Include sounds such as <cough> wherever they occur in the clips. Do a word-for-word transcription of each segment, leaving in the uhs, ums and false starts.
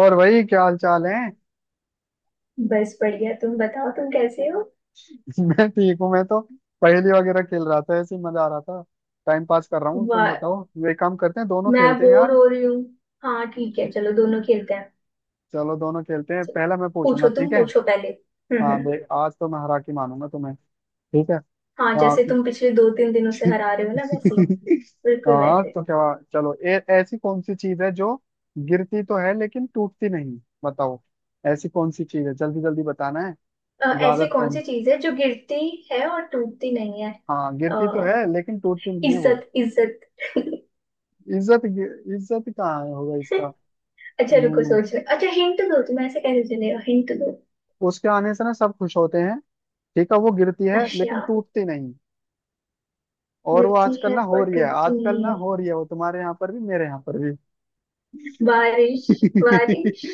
और भाई क्या हाल चाल है। बस बढ़िया। तुम बताओ, तुम कैसे हो? <laughs> मैं ठीक हूँ। मैं तो पहेली वगैरह खेल रहा था, ऐसे ही मजा आ रहा था। टाइम पास कर रहा हूँ। तुम वाह। बताओ, वे काम करते हैं दोनों, मैं खेलते हैं बोर यार। हो रही हूँ। हाँ ठीक है, चलो दोनों खेलते हैं। चलो दोनों खेलते हैं। चलो, पहला मैं पूछूंगा, पूछो, ठीक तुम है। पूछो पहले। हम्म, हाँ हम्म। देख, आज तो मैं हरा के मानूंगा तुम्हें। ठीक है। हाँ, हाँ। जैसे तुम पिछले दो तीन दिनों से हरा रहे हो ना, वैसे ही। <laughs> बिल्कुल हाँ वैसे। तो क्या हुआ? चलो ए, ऐसी कौन सी चीज है जो गिरती तो है लेकिन टूटती नहीं, बताओ। ऐसी कौन सी चीज है, जल्दी जल्दी बताना है, अ, ज्यादा ऐसी कौन टाइम। सी चीज है जो गिरती है और टूटती नहीं है? हाँ, अ, गिरती तो है लेकिन टूटती नहीं है वो। इज्जत, इज्जत। <laughs> इज्जत इज्जत कहाँ होगा इसका। अच्छा, रुको, नहीं, सोच रहे। अच्छा हिंट दो, तुम ऐसे कैसे चलेगा, हिंट दो। उसके आने से ना सब खुश होते हैं। ठीक है, वो गिरती है लेकिन अच्छा। टूटती नहीं। और वो गिरती आजकल है ना हो पर रही है, टूटती आजकल नहीं ना है। हो रही है, वो तुम्हारे यहाँ पर भी मेरे यहाँ पर भी। बारिश, बारिश।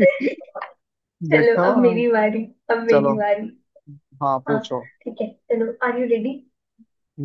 <laughs> चलो अब देखो। मेरी बारी, अब मेरी चलो। बारी। हाँ हाँ पूछो। ठीक है, चलो, आर यू रेडी?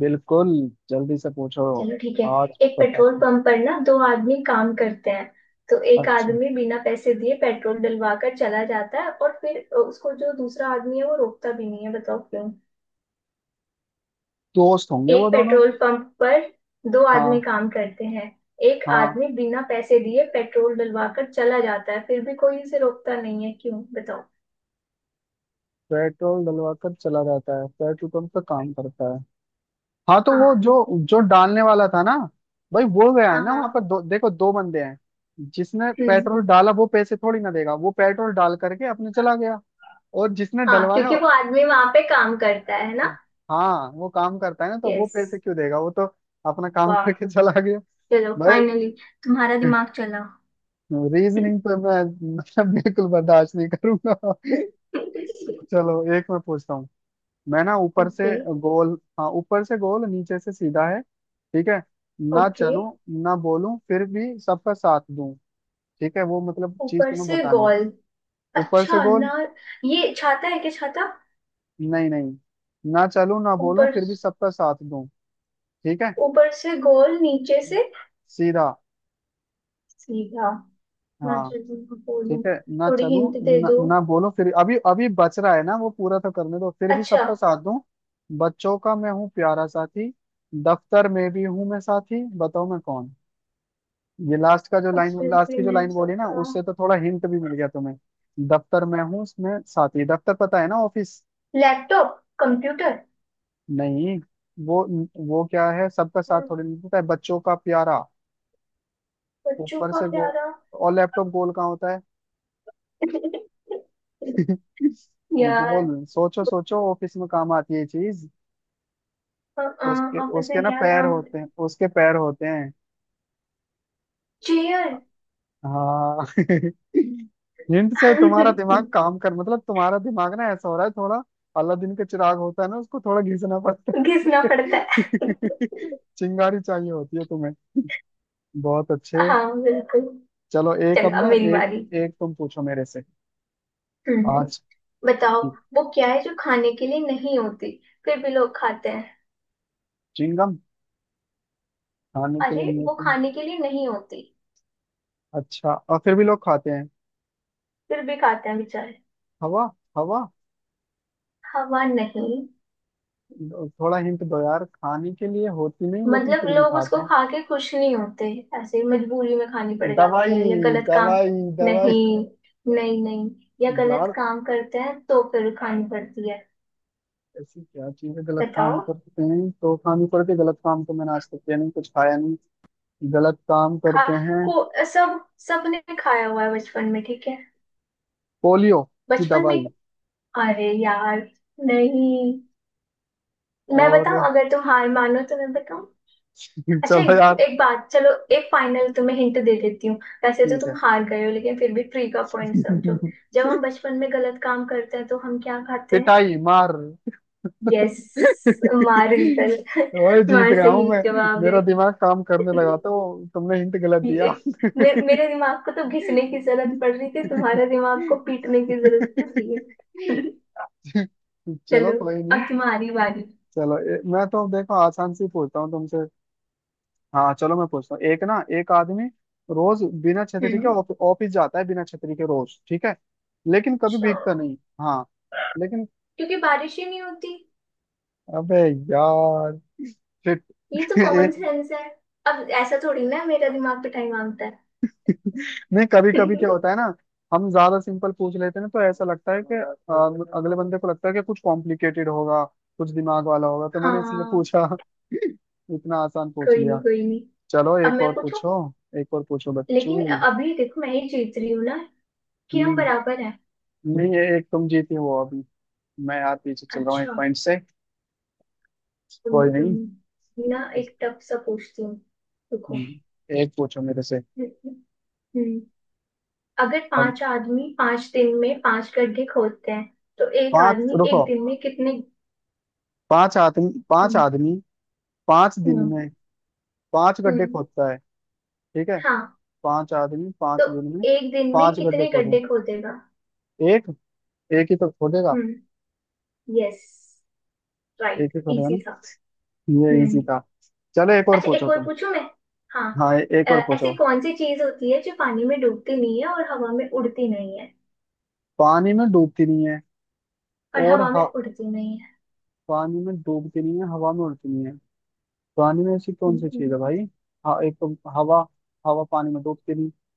बिल्कुल, जल्दी से पूछो। चलो ठीक है। आज एक पता। पेट्रोल पंप पर ना दो आदमी काम करते हैं। तो एक अच्छा। आदमी बिना पैसे दिए पेट्रोल डलवा कर चला जाता है, और फिर उसको जो दूसरा आदमी है वो रोकता भी नहीं है, बताओ क्यों। दोस्त होंगे एक वो दोनों। पेट्रोल पंप पर दो आदमी हाँ काम करते हैं। एक हाँ, आदमी बिना पैसे दिए पेट्रोल डलवा कर चला जाता है, फिर भी कोई उसे रोकता नहीं है, क्यों बताओ? पेट्रोल डलवा कर चला जाता है, पेट्रोल पंप का काम करता है। हाँ, तो वो हाँ जो जो डालने वाला था ना, भाई वो गया हाँ है ना वहां पर। हाँ। दो, देखो दो बंदे हैं। जिसने हम्म। पेट्रोल डाला वो पैसे थोड़ी ना देगा, वो पेट्रोल डाल करके अपने चला गया। और जिसने हाँ, डलवाया, क्योंकि वो आदमी वहां पे काम करता है ना। हाँ वो काम करता है ना, तो वो यस। पैसे क्यों देगा? वो तो अपना काम वाह। करके चला गया चलो भाई। फाइनली तुम्हारा दिमाग चला। रीजनिंग तो मैं <laughs> मैं बिल्कुल बर्दाश्त नहीं करूंगा। चलो, एक मैं पूछता हूँ। मैं ना ऊपर से ओके। गोल, हाँ ऊपर से गोल, नीचे से सीधा है, ठीक है। ना ओके। चलूं, ना बोलूं, फिर भी सबका साथ दूं। ठीक है, वो मतलब चीज ऊपर तुम्हें से बतानी है। गोल। ऊपर से अच्छा गोल। ना। ये छाता है क्या, छाता? नहीं नहीं। ना चलूं, ना बोलूं, ऊपर। फिर भी सबका साथ दूं। ठीक है। ऊपर से गोल, नीचे से। सीधा। सीधा। ना, हाँ। चलो मैं बोलूं। ठीक है। ना थोड़ी चलूं, हिंट दे ना, दो। ना बोलूं, फिर अभी अभी बच रहा है ना वो, पूरा तो करने दो, फिर भी अच्छा। सबका साथ दूं। बच्चों का मैं हूँ प्यारा साथी, दफ्तर में भी हूँ मैं साथी, बताओ मैं कौन। ये लास्ट का जो अब लाइन, फिर लास्ट भी की जो मैं लाइन बोली ना, सबका। उससे तो थोड़ा हिंट भी मिल गया तुम्हें। दफ्तर में हूँ उसमें साथी, दफ्तर पता है ना, ऑफिस। Laptop, computer. नहीं। वो, वो क्या है, सबका साथ हम्म, थोड़ी मिलता है, बच्चों का प्यारा। बच्चों ऊपर का से गो, प्यारा। और लैपटॉप गोल कहाँ होता है। <laughs> <laughs> यार। गोल, सोचो सोचो, ऑफिस में काम आती है ये चीज। अ, अ, उसके ऑफिस उसके में ना क्या पैर काम? होते हैं, उसके पैर होते हैं। चेयर। हाँ। <laughs> हिंट से तुम्हारा दिमाग <laughs> काम कर, मतलब तुम्हारा दिमाग ना ऐसा हो रहा है थोड़ा, अलादीन का चिराग होता है ना, उसको थोड़ा घिसना पड़ता घिसना पड़ता है। है। <laughs> चिंगारी चाहिए होती है तुम्हें। बहुत अच्छे। हाँ बिल्कुल। चलो एक चलो अब अब ना, मेरी एक बारी। एक तुम पूछो मेरे से। हम्म। आज। बताओ, वो क्या है जो खाने के लिए नहीं होती फिर भी लोग खाते हैं? चिंगम, खाने के अरे लिए वो मिलते हैं। खाने के लिए नहीं होती, अच्छा, और फिर भी लोग खाते हैं। फिर भी खाते हैं बेचारे। हवा। हवा। हवा नहीं। थोड़ा हिंट दो यार, खाने के लिए होती नहीं लेकिन मतलब फिर भी लोग खाते उसको हैं। खा के खुश नहीं होते, ऐसे ही मजबूरी में खानी पड़ जाती दवाई। है, या गलत काम। दवाई। दवाई। नहीं, नहीं, नहीं। या गलत यार काम करते हैं तो फिर खानी पड़ती है। ऐसी क्या चीजें गलत काम बताओ, करते हैं तो खानी पड़ती है? गलत काम तो मैंने आज तक किया नहीं, कुछ खाया नहीं। गलत काम खा, करते हैं। को, सब, सबने खाया हुआ है बचपन में, ठीक है। पोलियो की बचपन में। दवाई। अरे यार, नहीं। मैं और बताऊं, अगर तुम हार मानो तो मैं बताऊं। <laughs> अच्छा चलो एक, यार। एक बात, चलो, एक फाइनल तुम्हें हिंट दे देती हूँ। वैसे तो ठीक है। तुम हार गए हो, लेकिन फिर भी ट्री का पॉइंट समझो। <laughs> जब हम बचपन में गलत काम करते हैं तो हम क्या खाते हैं? पिटाई, मार। <laughs> यस। मार, रिजल्ट। ओए <laughs> जीत मार गया हूं सही मैं, जवाब है। मेरा दिमाग काम करने <laughs> लगा था, वो तुमने हिंट गलत दिया। ये- मे, मेरे दिमाग को तो घिसने की जरूरत पड़ <laughs> रही थी, तुम्हारे दिमाग को पीटने की जरूरत पड़ रही है। <laughs> चलो चलो कोई नहीं। अब तुम्हारी बारी। चलो ए- मैं तो देखो आसान से ही पूछता हूँ तुमसे। हाँ चलो मैं पूछता हूँ, एक ना एक आदमी रोज बिना छतरी के हम्म। ऑफ- ऑफिस जाता है, बिना छतरी के रोज, ठीक है। लेकिन कभी अच्छा, भीगता नहीं। हाँ। लेकिन, क्योंकि बारिश ही नहीं होती। अबे यार, shit, ये <laughs> तो ये- कॉमन सेंस है। अब ऐसा थोड़ी ना है, मेरा दिमाग पिटाई मांगता नहीं, कभी है। कभी क्या होता है <laughs> ना, हम ज्यादा सिंपल पूछ लेते हैं ना, तो ऐसा लगता है कि अ, अगले बंदे को लगता है कि कुछ कॉम्प्लिकेटेड होगा, कुछ दिमाग वाला होगा, तो मैंने इसलिए हाँ। पूछा। <laughs> इतना आसान पूछ कोई नहीं, लिया। कोई नहीं। चलो अब एक और मैं पूछूं। पूछो। एक और पूछो लेकिन बच्चू। अभी देखो मैं ही जीत रही हूँ ना, कि हम बराबर हैं। नहीं, ये एक तुम जीती हो अभी, मैं यार पीछे चल रहा हूँ एक अच्छा। पॉइंट से। कोई कोई नहीं, कोई नहीं। नहीं, ना बस, एक टफ सा पूछती हूँ। रुको। हम्म, एक पूछो मेरे से। हम्म। अगर अब पांच आदमी पांच दिन में पांच गड्ढे खोदते हैं तो एक पांच, आदमी रुको, एक दिन में कितने? पांच आदमी, पांच हम्म। आदमी पांच दिन हम्म। में पांच गड्ढे हम्म। खोदता है, ठीक है। हाँ। पांच आदमी तो पांच दिन में एक दिन में पांच गड्ढे कितने खोदे, गड्ढे खोदेगा? एक, एक ही तो खोदेगा। हम्म। यस। एक राइट, ही खोदेगा ना। इजी था। ये हम्म। इजी था। चलो एक और अच्छा पूछो एक और तुम। पूछूं मैं। हाँ। हाँ ए- एक अ, और पूछो। ऐसी कौन सी चीज होती है जो पानी में डूबती नहीं है और हवा में उड़ती नहीं है? पानी में डूबती नहीं है और और हवा में ह- उड़ती नहीं है। पानी में डूबती नहीं है, हवा में उड़ती नहीं है। पानी में ऐसी कौन सी चीज हम्म। है भाई। हाँ एक तो हवा, हवा पानी में डूबती नहीं,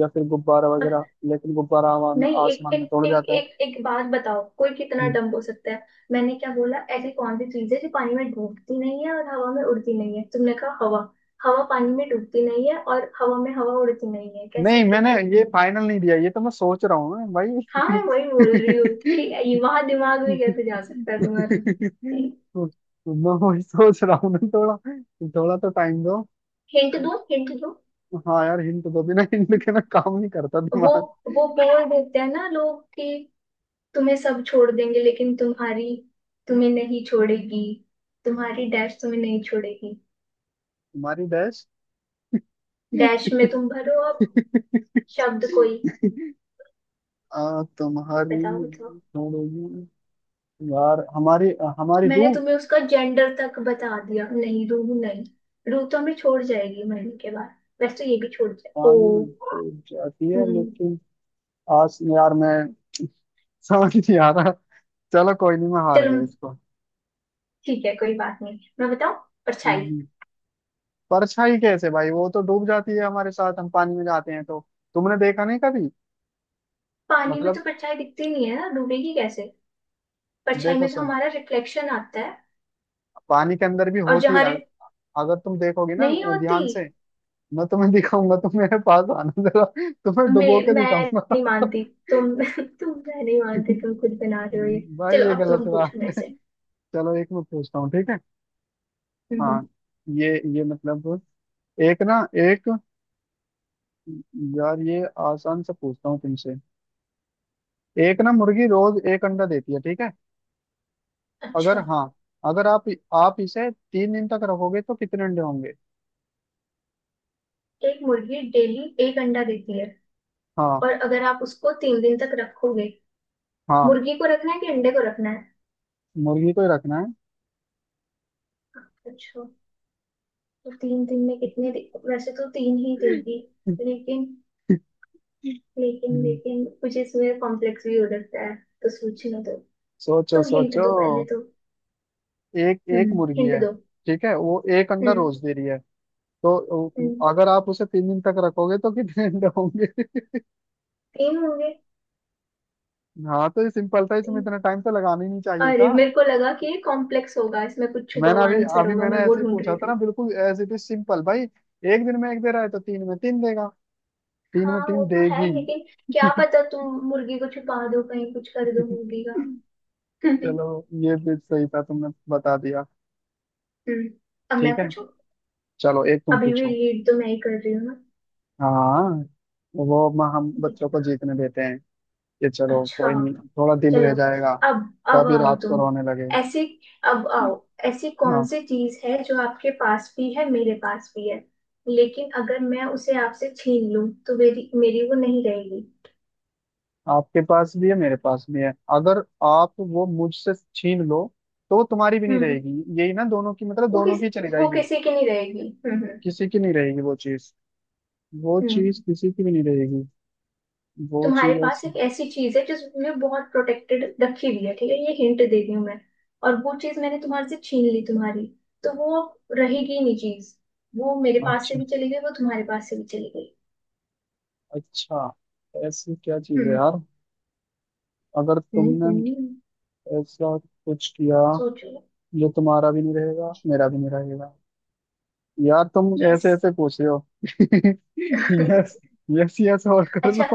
या फिर गुब्बारा और वगैरह, लेकिन गुब्बारा हवा में नहीं। एक आसमान एक में तोड़ एक जाता है। एक एक बात बताओ, कोई कितना हम्म। डम्ब हो सकता है? मैंने क्या बोला, ऐसी कौन सी चीज है जो पानी में डूबती नहीं है और हवा में उड़ती नहीं है, तुमने कहा हवा। हवा पानी में डूबती नहीं है और हवा में हवा उड़ती नहीं है, कैसे नहीं, मैंने कैसे! ये फाइनल नहीं दिया, ये तो मैं सोच रहा हूँ मैं हाँ मैं वही बोल रही हूँ भाई। <laughs> कि वहां दिमाग भी कैसे जा सकता है तुम्हारा। तो, तो मैं वही सोच रहा हूँ ना, थोड़ा थोड़ा तो टाइम दो। हिंट दूं, हिंट दूं? हाँ यार हिंट दो, बिना हिंट के ना काम नहीं करता वो दिमाग। वो बोल देते हैं ना लोग कि तुम्हें सब छोड़ देंगे लेकिन तुम्हारी, तुम्हें नहीं छोड़ेगी, तुम्हारी डैश तुम्हें नहीं छोड़ेगी। तुम्हारी डैश। डैश में तुम भरो अब। <laughs> शब्द कोई। आ, तुम्हारी बताओ, बताओ। छोड़ोगी, यार हमारी, हमारी मैंने रूह। तुम्हें उसका जेंडर तक बता दिया, नहीं, रूह नहीं। रूह तो हमें छोड़ जाएगी मरने के बाद। वैसे तो ये भी छोड़ जाए, पानी में ओ। डूब जाती है हम्म। लेकिन, आज यार मैं समझ नहीं आ रहा। चलो कोई नहीं, मैं हार चलो गया इसको। ठीक है, कोई बात नहीं, मैं बताऊं। परछाई। हम्म, परछाई कैसे भाई, वो तो डूब जाती है हमारे साथ, हम पानी में जाते हैं तो। तुमने देखा नहीं कभी? पानी में मतलब तो परछाई दिखती नहीं है ना, डूबेगी कैसे? परछाई देखो में तो सुन, हमारा रिफ्लेक्शन आता है, पानी के अंदर भी और होती है, जहां अग- रिफ अगर तुम देखोगे ना नहीं होती। ध्यान से, मैं तुम्हें दिखाऊंगा, तुम मेरे पास आना जरा, तुम्हें मैं डुबो के मैं दिखाऊंगा। नहीं मानती, तुम। <laughs> तुम मैं नहीं मानती, <laughs> तुम खुद बना रहे हो ये। भाई चलो ये अब गलत तुम पूछो मेरे बात। से। चलो एक मैं पूछता हूँ, ठीक है। हम्म। हाँ। ये ये मतलब, एक ना एक यार, ये आसान से पूछता हूँ तुमसे। एक ना मुर्गी रोज एक अंडा देती है, ठीक है। अगर अच्छा, हाँ, अगर आप, आप इसे तीन दिन तक रखोगे तो कितने अंडे होंगे। एक मुर्गी डेली एक अंडा देती है, हाँ। और अगर आप उसको तीन दिन तक रखोगे। हाँ। मुर्गी को रखना है कि अंडे को रखना है? मुर्गी को ही रखना अच्छा। तो तीन दिन में कितने दे... वैसे तो तीन ही देगी, है। लेकिन, लेकिन <laughs> लेकिन कुछ इसमें कॉम्प्लेक्स भी हो सकता है, तो सोचने दो। सोचो तुम हिंट सोचो। दो पहले तो। एक, एक हम्म, मुर्गी हिंट है, दो। ठीक है, वो एक अंडा हम्म, रोज दे रही है, तो हम्म। अगर आप उसे तीन दिन तक रखोगे तो कितने अंडे होंगे। तीन होंगे। <laughs> हाँ तो ये सिंपल था, इसमें तीन। इतना टाइम तो लगाना ही नहीं चाहिए अरे था। मेरे को लगा कि ये कॉम्प्लेक्स होगा, इसमें कुछ छुपा मैंने हुआ अभी आंसर अभी होगा, मैंने मैं वो ऐसे ही ढूंढ पूछा रही था ना, थी। बिल्कुल ऐसे भी सिंपल भाई, एक दिन में एक दे रहा है तो तीन में तीन देगा, तीन हाँ में वो तीन तो है, देगी। लेकिन क्या पता तुम मुर्गी को छुपा दो कहीं, कुछ कर दो <laughs> मुर्गी का। <laughs> हम्म। चलो, ये भी सही था, तुमने बता दिया। अब मैं ठीक है, पूछूं। चलो एक तुम अभी भी पूछो। लीड तो मैं ही कर रही हूँ ना। हाँ। वो म- हम बच्चों देख- को जीतने देते हैं, ये चलो अच्छा, कोई नहीं, थोड़ा दिल रह चलो। जाएगा, अब अब कभी आओ रात को तुम। रोने लगे। ऐसी, अब आओ। ऐसी कौन हाँ, सी चीज है जो आपके पास भी है, मेरे पास भी है, लेकिन अगर मैं उसे आपसे छीन लूं तो मेरी मेरी वो नहीं रहेगी। आपके पास भी है मेरे पास भी है, अगर आप वो मुझसे छीन लो तो वो तुम्हारी भी नहीं हम्म। रहेगी, यही ना, दोनों की मतलब वो दोनों किस की चली वो जाएगी। किसी की नहीं रहेगी। हम्म, हम्म, किसी की नहीं रहेगी वो चीज, वो हम्म। चीज किसी की भी नहीं रहेगी। वो तुम्हारे चीज पास ऐसी। एक ऐसी चीज है जिसमें बहुत प्रोटेक्टेड रखी हुई है, ठीक है, ये हिंट दे रही हूँ मैं। और वो चीज मैंने तुम्हारे से छीन ली तुम्हारी, तो वो अब रहेगी ही नहीं चीज। वो मेरे पास से अच्छा, भी चली गई, वो तुम्हारे पास से भी चली गई। अच्छा, ऐसी क्या चीज है हम्म, यार, अगर हम्म, तुमने हम्म। ऐसा कुछ किया सोचो। जो तुम्हारा भी नहीं रहेगा मेरा भी नहीं रहेगा। यार तुम यस। ऐसे ऐसे पूछ रहे हो। <laughs> यस, <laughs> यस यस और कर लो। अच्छा,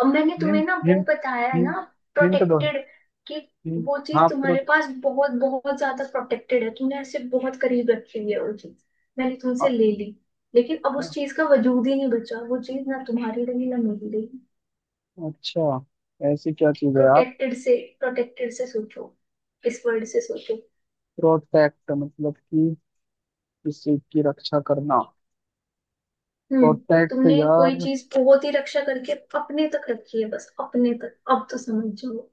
अब मैंने तुम्हें हिंट ना वो हिंट, बताया हिंट, ना, हिंट दो, प्रोटेक्टेड, कि हिंट। वो हाँ चीज प्रो, तुम्हारे पास बहुत बहुत ज्यादा प्रोटेक्टेड है, तुमने ऐसे बहुत करीब रखी हुई है वो चीज। मैंने तुमसे अ- ले ली, लेकिन अब उस अ- चीज का वजूद ही नहीं बचा, वो चीज ना तुम्हारी रही ना मेरी रही। अच्छा ऐसी क्या चीज है यार। प्रोटेक्टेड से, प्रोटेक्टेड से सोचो, इस वर्ड से सोचो। प्रोटेक्ट मतलब कि किसी की रक्षा करना। हम्म। प्रोटेक्ट तुमने कोई यार। चीज बहुत ही रक्षा करके अपने तक रखी है, बस अपने तक, अब तो समझ जाओ।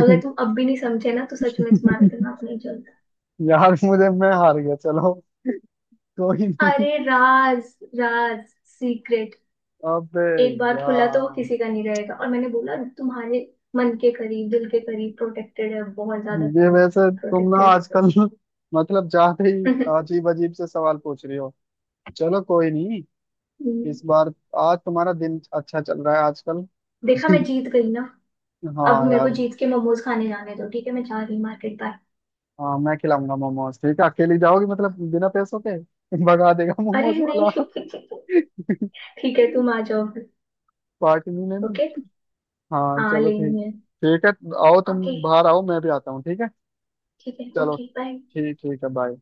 अगर तुम अब भी नहीं समझे ना तो सच में तुम्हारा दिमाग नहीं चल। यार मुझे, मैं हार गया, चलो कोई नहीं। अरे राज, राज, सीक्रेट। अबे एक बार खुला तो यार, किसी का नहीं रहेगा, और मैंने बोला तुम्हारे मन के करीब दिल के करीब प्रोटेक्टेड है, बहुत ज्यादा ये वैसे तुम ना प्रोटेक्टेड। आजकल मतलब जाते ही <laughs> अजीब अजीब से सवाल पूछ रही हो। चलो कोई नहीं, इस बार, आज तुम्हारा दिन अच्छा चल रहा है आजकल। देखा, मैं <laughs> जीत गई ना। अब हाँ मेरे को यार। जीत के मोमोज खाने जाने दो, ठीक है, मैं जा रही मार्केट, बाय। हाँ मैं खिलाऊंगा मोमोज, ठीक है, अकेली जाओगी मतलब बिना पैसों के <laughs> भगा देगा अरे मोमोज नहीं। वाला। <laughs> <laughs> ठीक है, तुम आ जाओ फिर। पार्टी नहीं ओके। लेनी। हाँ हाँ चलो ठीक, लेनी है। ठीक है, आओ तुम ओके बाहर आओ, मैं भी आता हूँ, ठीक है। ठीक है, चलो, ओके, बाय। ठीक, ठीक है, बाय।